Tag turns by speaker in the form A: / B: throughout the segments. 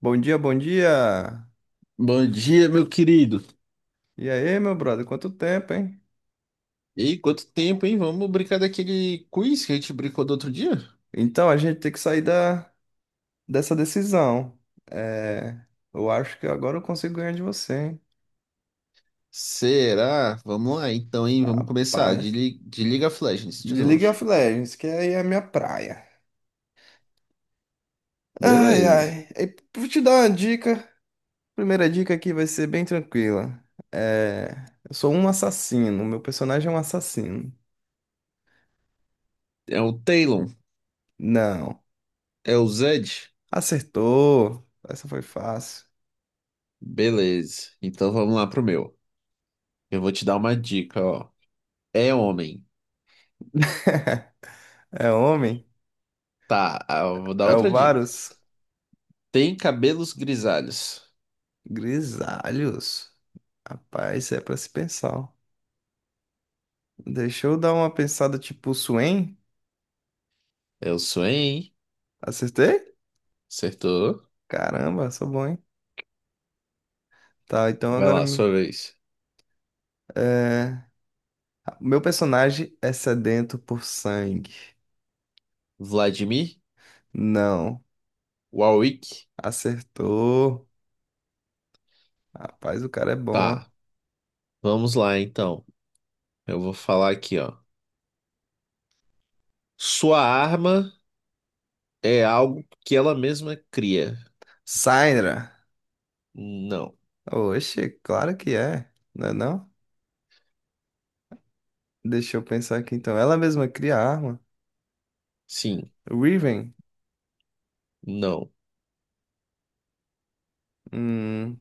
A: Bom dia, bom dia.
B: Bom dia, meu querido.
A: E aí, meu brother, quanto tempo, hein?
B: E aí, quanto tempo, hein? Vamos brincar daquele quiz que a gente brincou do outro dia?
A: Então, a gente tem que sair dessa decisão. É, eu acho que agora eu consigo ganhar de você, hein?
B: Será? Vamos lá, então, hein? Vamos começar. De,
A: Rapaz,
B: De League of Legends, de
A: de League
B: novo.
A: of Legends, que aí é a minha praia. Ai,
B: Beleza.
A: ai. E vou te dar uma dica. Primeira dica aqui vai ser bem tranquila. É, eu sou um assassino, meu personagem é um assassino.
B: É o Talon?
A: Não.
B: É o Zed?
A: Acertou. Essa foi fácil.
B: Beleza. Então vamos lá pro meu. Eu vou te dar uma dica, ó. É homem.
A: É homem?
B: Tá, eu vou dar
A: É o
B: outra dica.
A: Varus?
B: Tem cabelos grisalhos.
A: Grisalhos. Rapaz, isso é pra se pensar, ó. Deixa eu dar uma pensada, tipo Swain.
B: É o Swain.
A: Acertei?
B: Acertou.
A: Caramba, sou bom, hein? Tá, então
B: Vai
A: agora.
B: lá, sua vez.
A: É... Meu personagem é sedento por sangue.
B: Vladimir?
A: Não.
B: Warwick?
A: Acertou. Rapaz, o cara é bom, ó.
B: Tá. Vamos lá, então. Eu vou falar aqui, ó. Sua arma é algo que ela mesma cria.
A: Syndra.
B: Não.
A: Oxe, claro que é. Não é não? Deixa eu pensar aqui então. Ela mesma cria a arma.
B: Sim.
A: Riven.
B: Não.
A: Hum.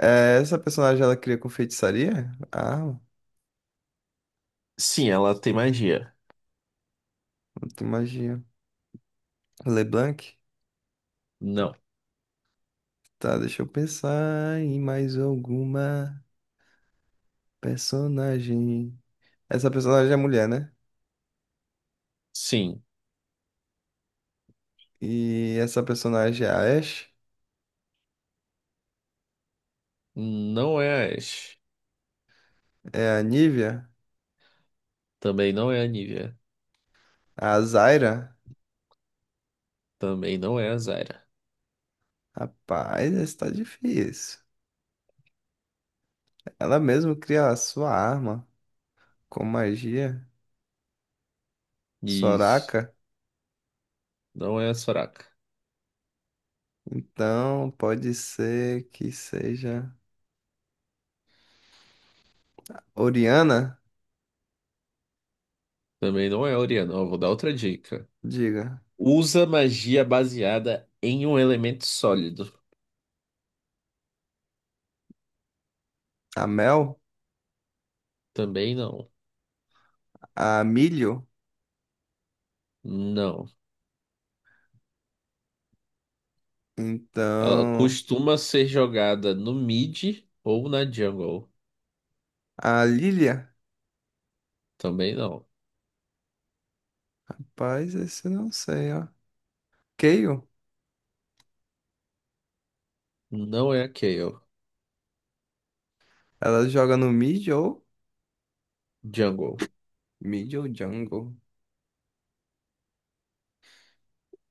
A: Essa personagem ela cria com feitiçaria? A arma?
B: Sim, ela tem magia.
A: De magia. LeBlanc?
B: Não.
A: Tá, deixa eu pensar em mais alguma personagem. Essa personagem é mulher, né?
B: Sim.
A: E essa personagem é a Ashe?
B: Não é a Ashe.
A: É a Nívia?
B: Também não é a Nivea.
A: A Zyra?
B: Também não é a Zyra.
A: Rapaz, essa tá difícil. Ela mesmo cria a sua arma com magia.
B: Isso.
A: Soraka?
B: Não é a Soraka.
A: Então pode ser que seja Oriana?
B: Também não é a Orianna. Ó, vou dar outra dica.
A: Diga.
B: Usa magia baseada em um elemento sólido.
A: A Mel?
B: Também não.
A: A Milho?
B: Não. Ela
A: Então.
B: costuma ser jogada no mid ou na jungle.
A: A Lilia?
B: Também não.
A: Rapaz, esse eu não sei, ó. Kayle,
B: Não é a Kayle.
A: ela joga no mid ou
B: Jungle.
A: mid ou jungle.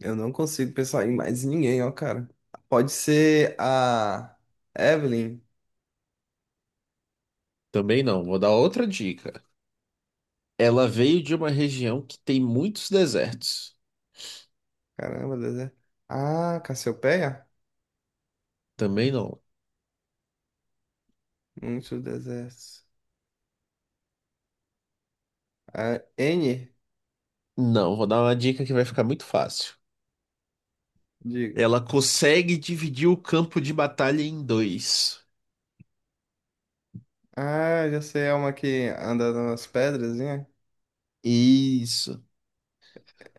A: Eu não consigo pensar em mais ninguém, ó, cara. Pode ser a Evelyn.
B: Também não. Vou dar outra dica. Ela veio de uma região que tem muitos desertos.
A: Caramba, deserto. Ah, Cassiopeia?
B: Também não.
A: Muito deserto. A N,
B: Não, vou dar uma dica que vai ficar muito fácil.
A: diga.
B: Ela consegue dividir o campo de batalha em dois.
A: Ah, já sei, é uma que anda nas pedras, né?
B: Isso.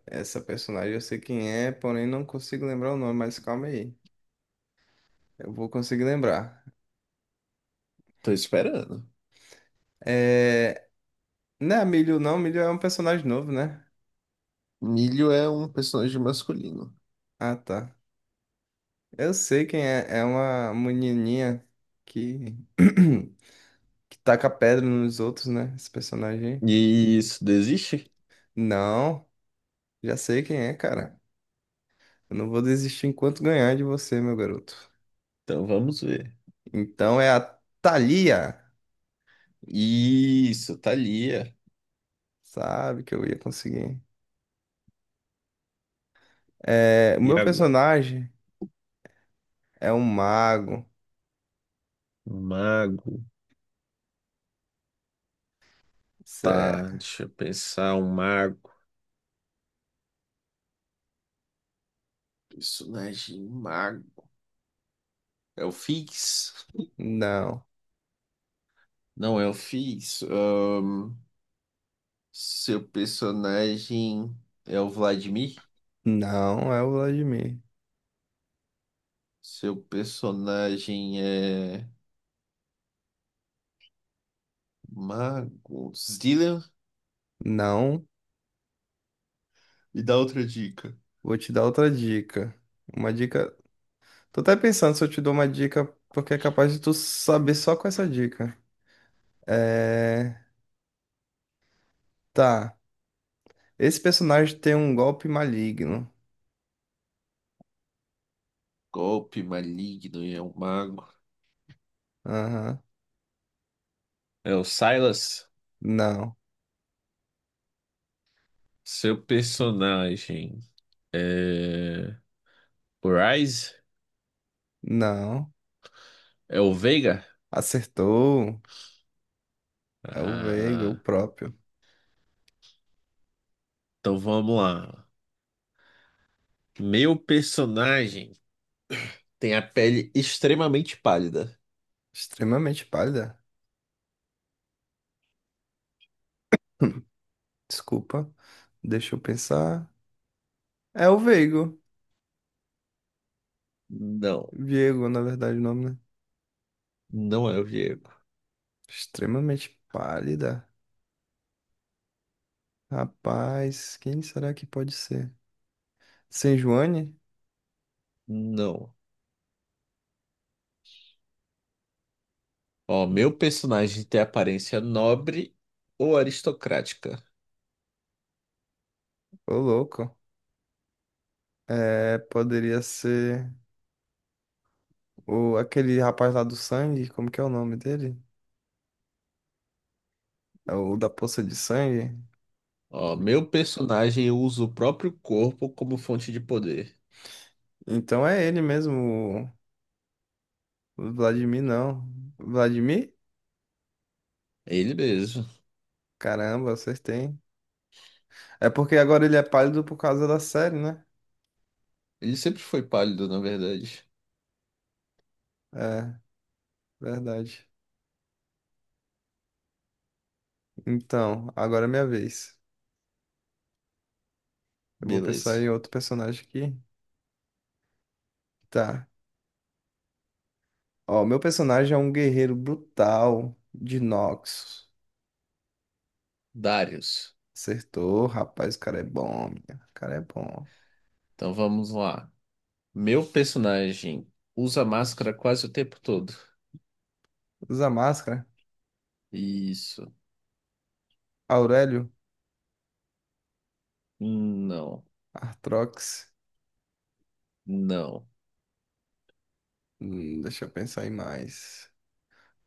A: Essa personagem eu sei quem é, porém não consigo lembrar o nome, mas calma aí. Eu vou conseguir lembrar.
B: Tô esperando.
A: É... Não é a Milho, não. Milho é um personagem novo, né?
B: Milho é um personagem masculino.
A: Ah, tá. Eu sei quem é. É uma menininha que, que taca pedra nos outros, né? Esse personagem, aí.
B: Isso, desiste?
A: Não, já sei quem é, cara. Eu não vou desistir enquanto ganhar de você, meu garoto.
B: Então vamos ver.
A: Então é a Thalia.
B: Isso, Thalia.
A: Sabe que eu ia conseguir. É, o
B: E
A: meu
B: agora?
A: personagem é um mago.
B: Mago. Tá,
A: Cé-
B: deixa eu pensar. Um mago. Personagem mago. É o Fix?
A: Não,
B: Não é o Fix. Seu personagem é o Vladimir?
A: não é o Vladimir.
B: Seu personagem é mago. Zillian?
A: Não,
B: Me dá outra dica.
A: vou te dar outra dica. Uma dica. Tô até pensando se eu te dou uma dica, porque é capaz de tu saber só com essa dica. É. Tá. Esse personagem tem um golpe maligno.
B: Golpe maligno e é um mago.
A: Aham.
B: É o Silas?
A: Não.
B: Seu personagem é. O Ryze?
A: Não.
B: É o Veiga?
A: Acertou. É o Veiga, o
B: Ah.
A: próprio.
B: Então vamos lá. Meu personagem tem a pele extremamente pálida.
A: Extremamente pálida. Desculpa. Deixa eu pensar. É o Veigo.
B: Não,
A: Viego, na verdade, o nome, né?
B: não é o Diego.
A: Extremamente pálida. Rapaz, quem será que pode ser? Sem Joane?
B: Não. Ó, meu personagem tem aparência nobre ou aristocrática.
A: Ô, louco. É, poderia ser. O, aquele rapaz lá do sangue, como que é o nome dele? É o da poça de sangue.
B: Ó, meu personagem usa o próprio corpo como fonte de poder.
A: Então é ele mesmo, o Vladimir não. Vladimir?
B: É ele mesmo.
A: Caramba, vocês têm. É porque agora ele é pálido por causa da série, né?
B: Ele sempre foi pálido, na verdade.
A: É, verdade. Então, agora é minha vez. Eu vou pensar
B: Beleza.
A: em outro personagem aqui. Tá. Ó, meu personagem é um guerreiro brutal de Noxus.
B: Darius.
A: Acertou, rapaz, o cara é bom, minha. O cara é bom.
B: Então vamos lá. Meu personagem usa máscara quase o tempo todo.
A: Usa máscara.
B: Isso.
A: Aurélio?
B: Não.
A: Artrox.
B: Não.
A: Deixa eu pensar aí mais.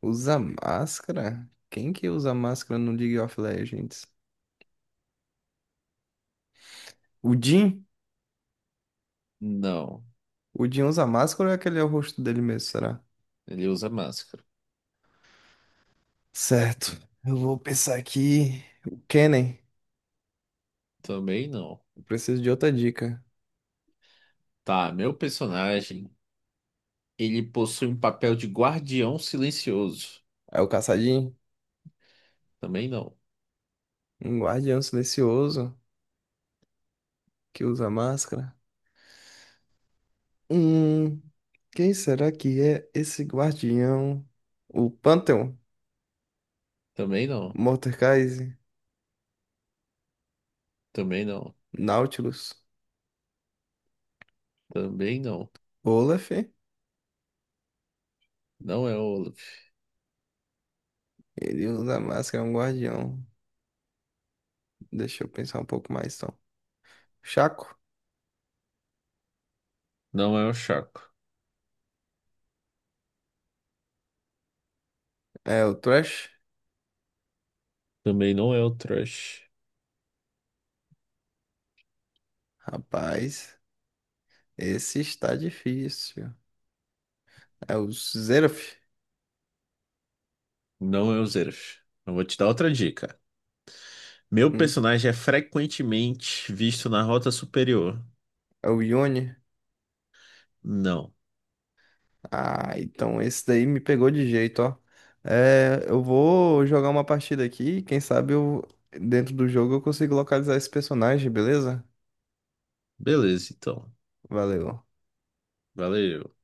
A: Usa máscara? Quem que usa máscara no League of Legends? O Jhin?
B: Não.
A: O Jhin usa máscara ou é aquele é o rosto dele mesmo, será?
B: Ele usa máscara.
A: Certo. Eu vou pensar aqui. O Kennen.
B: Também não.
A: Eu preciso de outra dica.
B: Tá, meu personagem, ele possui um papel de guardião silencioso.
A: É o Caçadinho?
B: Também não.
A: Um guardião silencioso que usa máscara? Hum, quem será que é esse guardião? O Pantheon?
B: Também não.
A: Mordekaiser?
B: Também não.
A: Nautilus?
B: Também não.
A: Olaf?
B: Não é o Olaf.
A: Ele usa máscara, é um guardião. Deixa eu pensar um pouco mais, então. Chaco?
B: Não é o Chaco.
A: É o Thresh?
B: Também não é o Thrush.
A: Rapaz, esse está difícil. É o Xerath?
B: Não é o Zeref. Eu vou te dar outra dica. Meu
A: Hum,
B: personagem é frequentemente visto na rota superior.
A: É o Yone?
B: Não.
A: Ah, então esse daí me pegou de jeito, ó. É, eu vou jogar uma partida aqui. Quem sabe eu, dentro do jogo eu consigo localizar esse personagem, beleza?
B: Beleza, então.
A: Valeu.
B: Valeu.